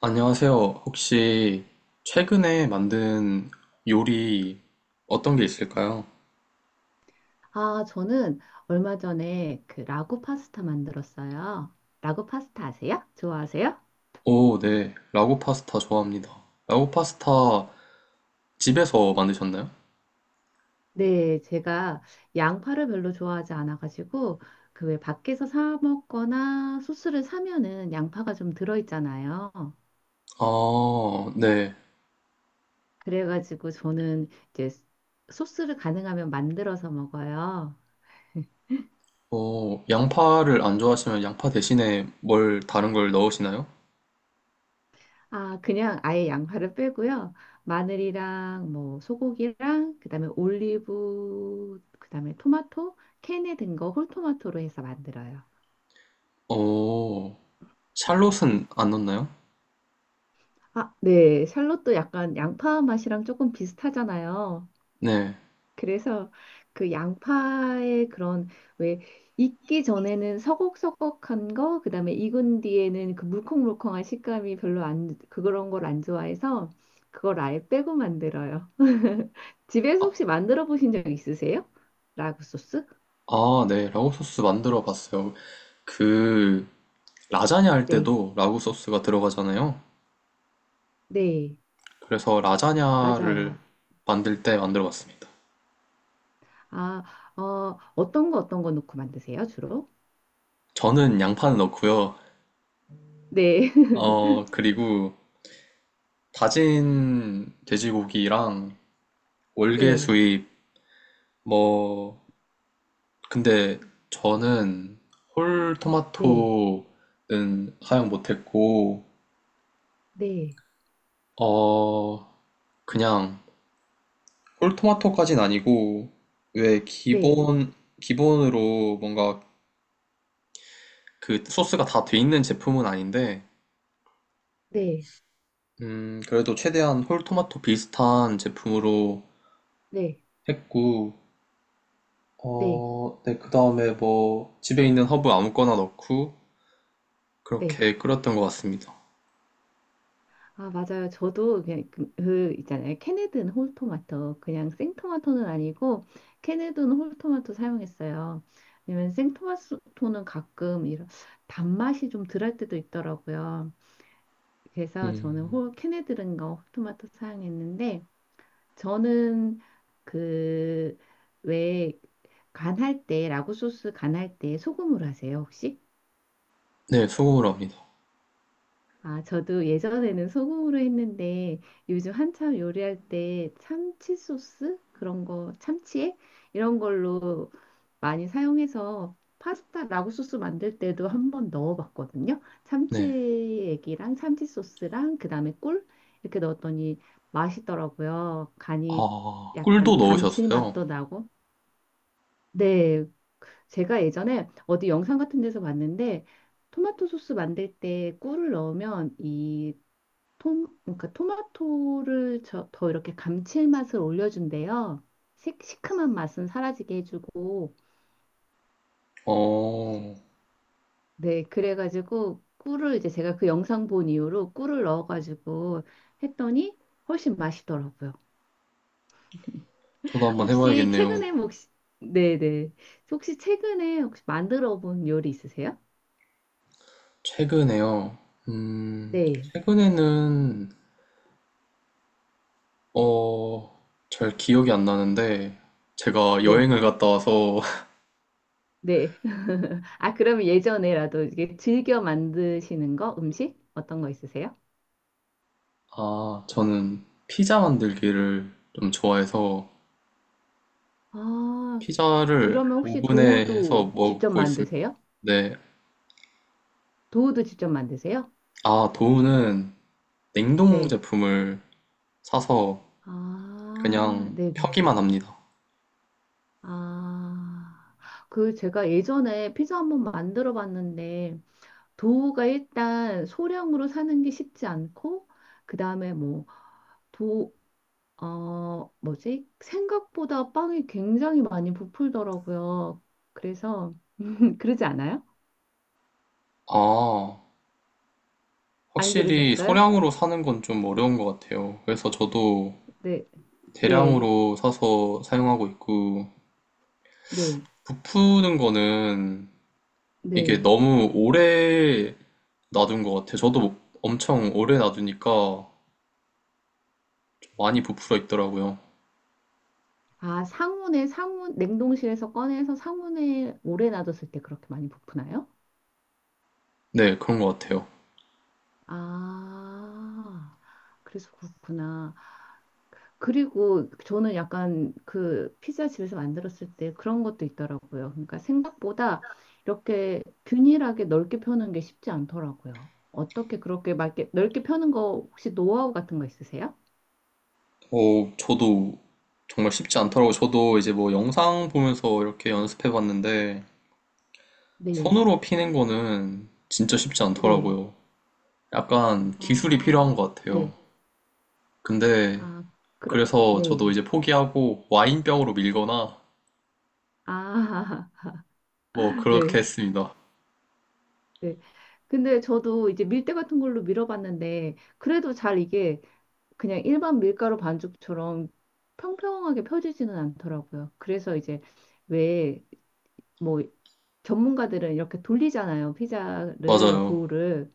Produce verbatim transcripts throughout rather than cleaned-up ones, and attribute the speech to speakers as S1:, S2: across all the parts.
S1: 안녕하세요. 혹시 최근에 만든 요리 어떤 게 있을까요?
S2: 아, 저는 얼마 전에 그 라구 파스타 만들었어요. 라구 파스타 아세요? 좋아하세요?
S1: 오, 네. 라구 파스타 좋아합니다. 라구 파스타 집에서 만드셨나요?
S2: 네, 제가 양파를 별로 좋아하지 않아가지고 그 왜 밖에서 사 먹거나 소스를 사면은 양파가 좀 들어있잖아요.
S1: 아, 네.
S2: 그래가지고 저는 이제 소스를 가능하면 만들어서 먹어요.
S1: 어, 양파를 안 좋아하시면 양파 대신에 뭘 다른 걸 넣으시나요?
S2: 아, 그냥 아예 양파를 빼고요. 마늘이랑 뭐 소고기랑 그다음에 올리브 그다음에 토마토 캔에 든 거 홀토마토로 해서 만들어요.
S1: 오, 샬롯은 안 넣나요?
S2: 아, 네. 샬롯도 약간 양파 맛이랑 조금 비슷하잖아요.
S1: 네.
S2: 그래서 그 양파의 그런 왜 익기 전에는 서걱서걱한 거, 그다음에 익은 뒤에는 그 물컹물컹한 식감이 별로 안 그런 걸 안 좋아해서 그걸 아예 빼고 만들어요. 집에서
S1: 아,
S2: 혹시 만들어 보신 적 있으세요? 라구 소스?
S1: 아, 네. 라구 소스 만들어 봤어요. 그, 라자냐 할
S2: 네.
S1: 때도 라구 소스가 들어가잖아요.
S2: 네.
S1: 그래서 라자냐를
S2: 맞아요.
S1: 만들 때 만들어 봤습니다.
S2: 아, 어, 어떤 거 어떤 거 넣고 만드세요, 주로?
S1: 저는 양파는 넣고요.
S2: 네.
S1: 어, 그리고 다진 돼지고기랑
S2: 네.
S1: 월계수잎, 뭐, 근데 저는 홀
S2: 네.
S1: 토마토는 사용 못했고,
S2: 네.
S1: 어, 그냥 홀 토마토까진 아니고, 왜
S2: 네.
S1: 기본, 기본으로 뭔가 그 소스가 다 돼 있는 제품은 아닌데,
S2: 네.
S1: 음, 그래도 최대한 홀토마토 비슷한 제품으로
S2: 네.
S1: 했고,
S2: 네.
S1: 어, 네, 그 다음에 뭐, 집에 있는 허브 아무거나 넣고,
S2: 네.
S1: 그렇게 끓였던 것 같습니다.
S2: 아, 맞아요. 저도 그냥 그, 그 있잖아요. 캐네든 홀토마토. 그냥 생토마토는 아니고 캐네든 홀토마토 사용했어요. 왜냐면 생토마토는 가끔 이런 단맛이 좀 덜할 때도 있더라고요. 그래서 저는
S1: 음,
S2: 홀 캐네든과 홀토마토 사용했는데 저는 그 왜 간할 때 라구 소스 간할 때 소금으로 하세요, 혹시?
S1: 네, 소금으로 합니다.
S2: 아, 저도 예전에는 소금으로 했는데 요즘 한참 요리할 때 참치 소스 그런 거 참치액 이런 걸로 많이 사용해서 파스타 라구 소스 만들 때도 한번 넣어봤거든요.
S1: 네.
S2: 참치액이랑 참치 소스랑 그다음에 꿀 이렇게 넣었더니 맛있더라고요. 간이
S1: 아,
S2: 약간
S1: 꿀도 넣으셨어요?
S2: 감칠맛도 나고. 네, 제가 예전에 어디 영상 같은 데서 봤는데 토마토 소스 만들 때 꿀을 넣으면 이 톰, 그러니까 토마토를 저, 더 이렇게 감칠맛을 올려준대요. 시, 시큼한 맛은 사라지게 해주고,
S1: 어,
S2: 네, 그래가지고 꿀을 이제 제가 그 영상 본 이후로 꿀을 넣어가지고 했더니 훨씬 맛있더라고요.
S1: 저도 한번
S2: 혹시
S1: 해봐야겠네요.
S2: 최근에 뭐 혹시, 네네. 혹시 최근에 혹시 만들어 본 요리 있으세요?
S1: 최근에요. 음,
S2: 네,
S1: 최근에는, 어, 잘 기억이 안 나는데, 제가
S2: 네.
S1: 여행을 갔다 와서
S2: 네. 아, 그러면 예전에라도 이게 즐겨 만드시는 거, 음식? 어떤 거 있으세요?
S1: 아, 저는 피자 만들기를 좀 좋아해서
S2: 아,
S1: 피자를
S2: 그러면 혹시
S1: 오븐에 해서
S2: 도우도 직접
S1: 먹고 있습니다.
S2: 만드세요?
S1: 네.
S2: 도우도 직접 만드세요?
S1: 아, 도우는 냉동
S2: 네.
S1: 제품을 사서
S2: 아,
S1: 그냥
S2: 네네네.
S1: 펴기만 합니다.
S2: 아, 그 제가 예전에 피자 한번 만들어 봤는데, 도우가 일단 소량으로 사는 게 쉽지 않고, 그 다음에 뭐, 도, 어, 뭐지? 생각보다 빵이 굉장히 많이 부풀더라고요. 그래서, 그러지 않아요?
S1: 아,
S2: 안
S1: 확실히
S2: 그러셨어요?
S1: 소량으로 사는 건 좀 어려운 것 같아요. 그래서 저도
S2: 네, 네,
S1: 대량으로 사서 사용하고 있고,
S2: 네,
S1: 부푸는 거는 이게
S2: 네.
S1: 너무 오래 놔둔 것 같아요. 저도 엄청 오래 놔두니까 많이 부풀어 있더라고요.
S2: 아, 상온에, 상온, 냉동실에서 꺼내서 상온에 오래 놔뒀을 때 그렇게 많이 부푸나요?
S1: 네, 그런 것 같아요.
S2: 아, 그래서 그렇구나. 그리고 저는 약간 그 피자 집에서 만들었을 때 그런 것도 있더라고요. 그러니까 생각보다 이렇게 균일하게 넓게 펴는 게 쉽지 않더라고요. 어떻게 그렇게 막 이렇게 넓게 펴는 거 혹시 노하우 같은 거 있으세요?
S1: 어, 저도 정말 쉽지 않더라고요. 저도 이제 뭐 영상 보면서 이렇게 연습해 봤는데
S2: 네,
S1: 손으로 피는 거는 진짜 쉽지
S2: 네.
S1: 않더라고요. 약간 기술이 필요한
S2: 아,
S1: 것 같아요.
S2: 네.
S1: 근데
S2: 아, 그러,
S1: 그래서 저도
S2: 네.
S1: 이제 포기하고 와인병으로 밀거나
S2: 아,
S1: 뭐 그렇게
S2: 네.
S1: 했습니다.
S2: 네. 근데 저도 이제 밀대 같은 걸로 밀어봤는데 그래도 잘 이게 그냥 일반 밀가루 반죽처럼 평평하게 펴지지는 않더라고요. 그래서 이제 왜 뭐 전문가들은 이렇게 돌리잖아요. 피자를
S1: 맞아요.
S2: 도우를.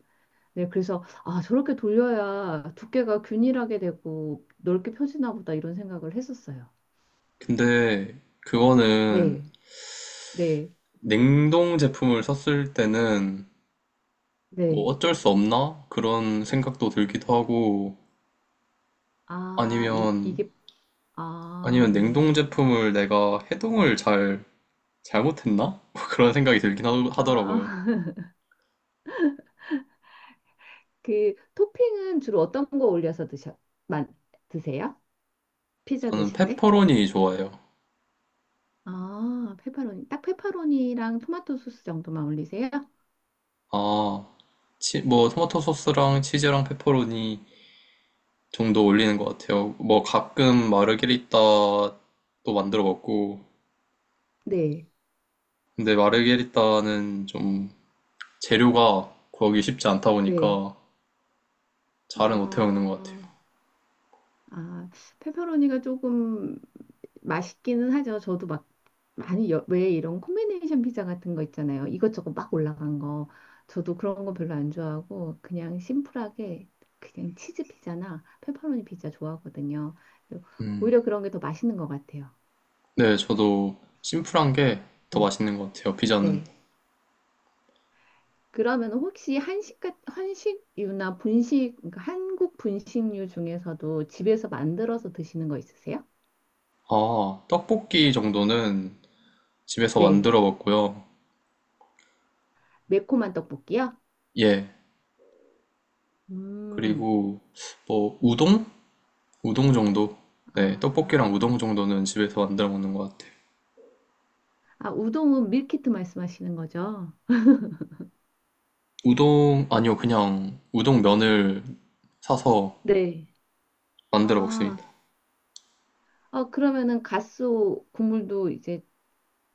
S2: 네, 그래서 아, 저렇게 돌려야 두께가 균일하게 되고 넓게 펴지나 보다 이런 생각을 했었어요.
S1: 근데 그거는
S2: 네. 네.
S1: 냉동 제품을 썼을 때는 뭐
S2: 네.
S1: 어쩔 수 없나? 그런 생각도 들기도 하고
S2: 아, 이,
S1: 아니면,
S2: 이게 아,
S1: 아니면 냉동
S2: 네.
S1: 제품을 내가 해동을 잘, 잘못했나? 뭐 그런 생각이 들긴 하더- 하더라고요.
S2: 아, 그 토핑은 주로 어떤 거 올려서 드셔 만 드세요? 피자
S1: 저는
S2: 드실 때?
S1: 페퍼로니 좋아해요.
S2: 아, 페퍼로니. 딱 페퍼로니랑 토마토 소스 정도만 올리세요?
S1: 아, 치, 뭐, 토마토 소스랑 치즈랑 페퍼로니 정도 올리는 것 같아요. 뭐, 가끔 마르게리따도 만들어 먹고,
S2: 네,
S1: 근데 마르게리따는 좀 재료가 구하기 쉽지 않다
S2: 네.
S1: 보니까 잘은 못해 먹는 것 같아요.
S2: 아, 아, 페퍼로니가 조금 맛있기는 하죠. 저도 막 많이 여- 왜 이런 콤비네이션 피자 같은 거 있잖아요. 이것저것 막 올라간 거. 저도 그런 거 별로 안 좋아하고 그냥 심플하게 그냥 치즈 피자나 페퍼로니 피자 좋아하거든요.
S1: 음,
S2: 오히려 그런 게 더 맛있는 것 같아요.
S1: 네, 저도 심플한 게 더
S2: 음,
S1: 맛있는 것 같아요, 피자는.
S2: 네. 그러면 혹시 한식, 같- 한식류나 분식, 그러니까 한국 분식류 중에서도 집에서 만들어서 드시는 거 있으세요?
S1: 아, 떡볶이 정도는 집에서
S2: 네.
S1: 만들어 먹고요.
S2: 매콤한 떡볶이요?
S1: 예.
S2: 음,
S1: 그리고 뭐 우동? 우동 정도? 네, 떡볶이랑 우동
S2: 아,
S1: 정도는 집에서 만들어 먹는 것 같아요.
S2: 아, 우동은 밀키트 말씀하시는 거죠?
S1: 우동 아니요, 그냥 우동 면을 사서
S2: 네.
S1: 만들어 먹습니다.
S2: 아, 아, 그러면은 갓스 국물도 이제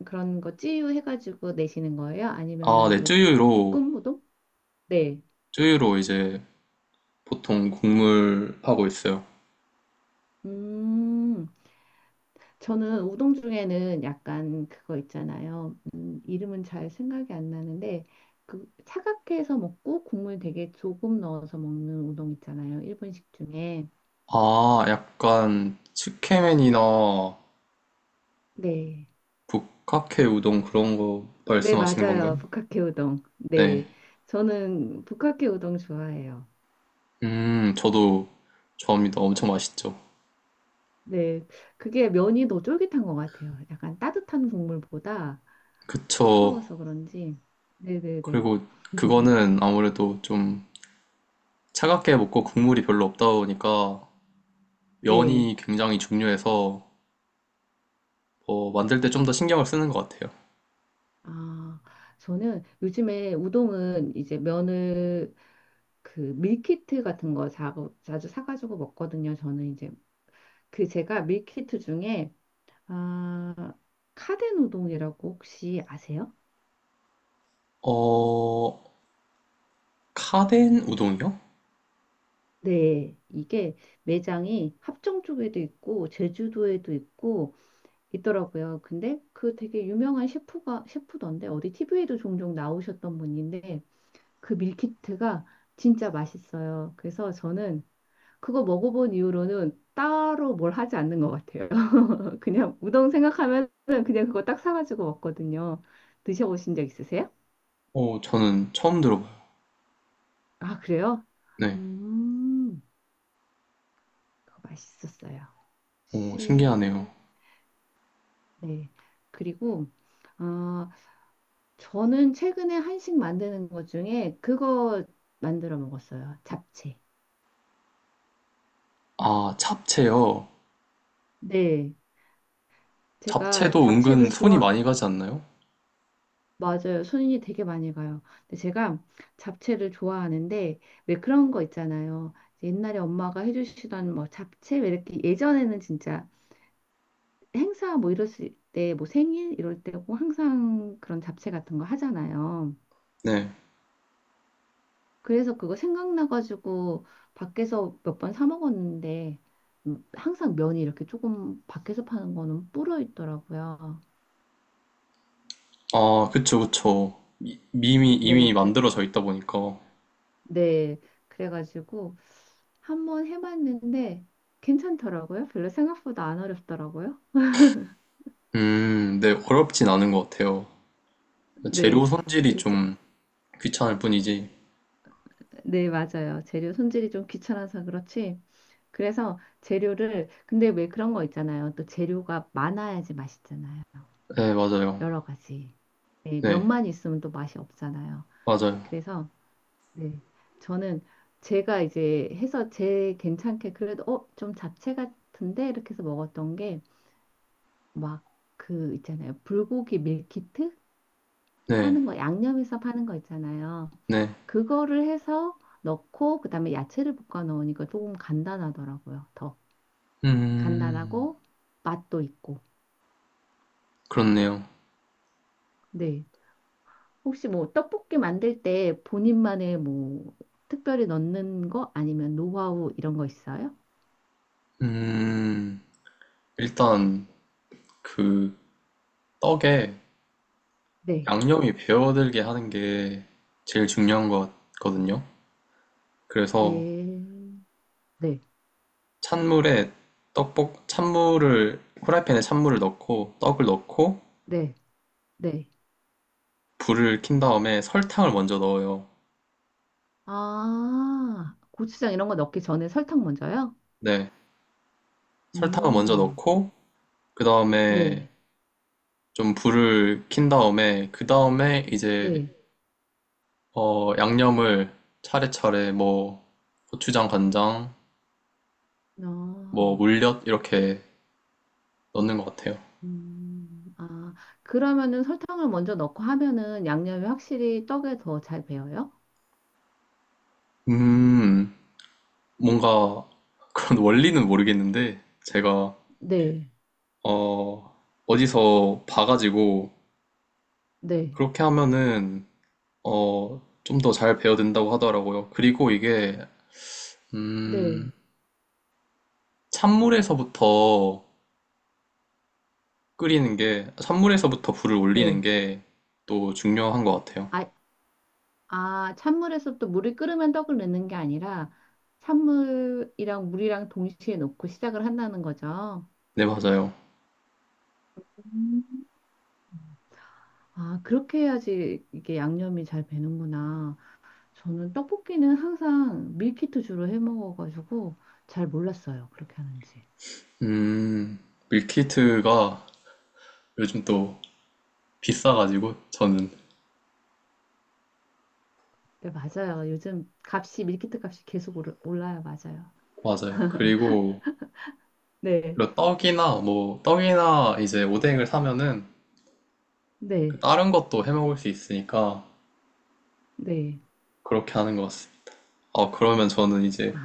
S2: 그런 거 찌유해가지고 내시는 거예요?
S1: 아,
S2: 아니면은
S1: 네,
S2: 뭐
S1: 쯔유로
S2: 볶음 우동? 네.
S1: 쯔유로 이제 보통 국물 하고 있어요.
S2: 음, 저는 우동 중에는 약간 그거 있잖아요. 음, 이름은 잘 생각이 안 나는데 그 차갑게 해서 먹고 국물 되게 조금 넣어서 먹는 우동 있잖아요. 일본식 중에.
S1: 아, 약간 츠케맨이나
S2: 네.
S1: 북카케 우동 그런 거
S2: 네,
S1: 말씀하시는
S2: 맞아요.
S1: 건가요?
S2: 북학회 우동.
S1: 네.
S2: 네. 저는 북학회 우동 좋아해요.
S1: 음, 저도 좋아합니다. 엄청 맛있죠.
S2: 네. 그게 면이 더 쫄깃한 것 같아요. 약간 따뜻한 국물보다
S1: 그쵸.
S2: 차가워서 그런지. 네네네.
S1: 그리고 그거는 아무래도 좀 차갑게 먹고 국물이 별로 없다 보니까
S2: 네.
S1: 면이 굉장히 중요해서 어, 만들 때 좀 더 신경을 쓰는 것 같아요.
S2: 아, 저는 요즘에 우동은 이제 면을 그 밀키트 같은 거 자, 자주 사가지고 먹거든요. 저는 이제 그 제가 밀키트 중에 아, 카덴우동이라고 혹시 아세요?
S1: 어, 카덴 우동이요?
S2: 네, 이게 매장이 합정 쪽에도 있고 제주도에도 있고 있더라고요. 근데 그 되게 유명한 셰프가 셰프던데 어디 티비에도 종종 나오셨던 분인데 그 밀키트가 진짜 맛있어요. 그래서 저는 그거 먹어본 이후로는 따로 뭘 하지 않는 것 같아요. 그냥 우동 생각하면 그냥 그거 딱 사가지고 먹거든요. 드셔보신 적 있으세요?
S1: 어, 저는 처음 들어봐요.
S2: 아, 그래요?
S1: 네.
S2: 음, 그거 맛있었어요.
S1: 어, 신기하네요.
S2: 혹시, 네. 그리고, 어, 저는 최근에 한식 만드는 것 중에 그거 만들어 먹었어요. 잡채.
S1: 아, 잡채요.
S2: 네. 제가
S1: 잡채도 은근
S2: 잡채를
S1: 손이
S2: 좋아,
S1: 많이 가지 않나요?
S2: 맞아요. 손이 되게 많이 가요. 근데 제가 잡채를 좋아하는데 왜 그런 거 있잖아요. 옛날에 엄마가 해주시던 뭐 잡채 왜 이렇게 예전에는 진짜 행사 뭐 이럴 때 뭐 생일 이럴 때 꼭 항상 그런 잡채 같은 거 하잖아요.
S1: 네.
S2: 그래서 그거 생각나가지고 밖에서 몇 번 사 먹었는데 음, 항상 면이 이렇게 조금 밖에서 파는 거는 불어 있더라고요.
S1: 아, 그쵸, 그쵸. 이- 이미,
S2: 네,
S1: 이미
S2: 그,
S1: 만들어져 있다 보니까.
S2: 네, 그래가지고 한번 해봤는데 괜찮더라고요. 별로 생각보다 안 어렵더라고요.
S1: 음, 네, 어렵진 않은 것 같아요. 재료
S2: 네,
S1: 손질이
S2: 이제, 제-
S1: 좀 귀찮을 뿐이지.
S2: 네, 맞아요. 재료 손질이 좀 귀찮아서 그렇지. 그래서 재료를, 근데 왜 그런 거 있잖아요. 또 재료가 많아야지 맛있잖아요.
S1: 네, 맞아요.
S2: 여러 가지. 네,
S1: 네,
S2: 몇만 있으면 또 맛이 없잖아요.
S1: 맞아요.
S2: 그래서, 네, 저는 제가 이제 해서 제 괜찮게 그래도, 어, 좀 잡채 같은데? 이렇게 해서 먹었던 게 막 그 있잖아요. 불고기 밀키트
S1: 네,
S2: 파는 거, 양념해서 파는 거 있잖아요.
S1: 네.
S2: 그거를 해서 넣고 그다음에 야채를 볶아 넣으니까 조금 간단하더라고요. 더
S1: 음,
S2: 간단하고 맛도 있고.
S1: 그렇네요.
S2: 네. 혹시 뭐 떡볶이 만들 때 본인만의 뭐 특별히 넣는 거 아니면 노하우 이런 거 있어요?
S1: 음, 일단 그 떡에
S2: 네.
S1: 양념이 배어들게 하는 게 제일 중요한 것 같거든요. 그래서
S2: 네. 네.
S1: 찬물에 떡볶, 찬물을, 후라이팬에 찬물을 넣고 떡을 넣고
S2: 네. 네.
S1: 불을 킨 다음에 설탕을 먼저 넣어요.
S2: 아, 고추장 이런 거 넣기 전에 설탕 먼저요?
S1: 네, 설탕을 먼저
S2: 음.
S1: 넣고 그 다음에
S2: 네.
S1: 좀 불을 킨 다음에 그 다음에 이제
S2: 네.
S1: 어, 양념을 차례차례 뭐 고추장, 간장, 뭐
S2: 아,
S1: 물엿 이렇게 넣는 것 같아요.
S2: 음, 아, 그러면은 설탕을 먼저 넣고 하면은 양념이 확실히 떡에 더 잘 배어요?
S1: 음, 뭔가 그런 원리는 모르겠는데 제가
S2: 네,
S1: 어, 어디서 봐가지고
S2: 네,
S1: 그렇게 하면은 어, 좀 더 잘 배어든다고 하더라고요. 그리고 이게
S2: 네,
S1: 음, 찬물에서부터 끓이는 게 산물에서부터 불을 올리는
S2: 네.
S1: 게 또 중요한 것 같아요.
S2: 아, 아, 찬물에서 또 물이 끓으면 떡을 넣는 게 아니라 찬물이랑 물이랑 동시에 넣고 시작을 한다는 거죠.
S1: 네, 맞아요.
S2: 음. 아, 그렇게 해야지 이게 양념이 잘 배는구나. 저는 떡볶이는 항상 밀키트 주로 해 먹어가지고 잘 몰랐어요. 그렇게 하는지.
S1: 음, 밀키트가 요즘 또 비싸가지고 저는
S2: 네, 맞아요. 요즘 값이, 밀키트 값이 계속 오르- 올라요. 맞아요.
S1: 맞아요. 그리고
S2: 네,
S1: 그 떡이나 뭐 떡이나 이제 오뎅을 사면은 그
S2: 네,
S1: 다른 것도 해 먹을 수 있으니까
S2: 네.
S1: 그렇게 하는 것 같습니다. 아, 그러면 저는 이제
S2: 아,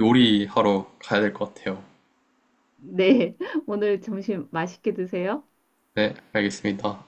S1: 요리하러 가야 될 것 같아요.
S2: 네. 오늘 점심 맛있게 드세요.
S1: 네, 알겠습니다.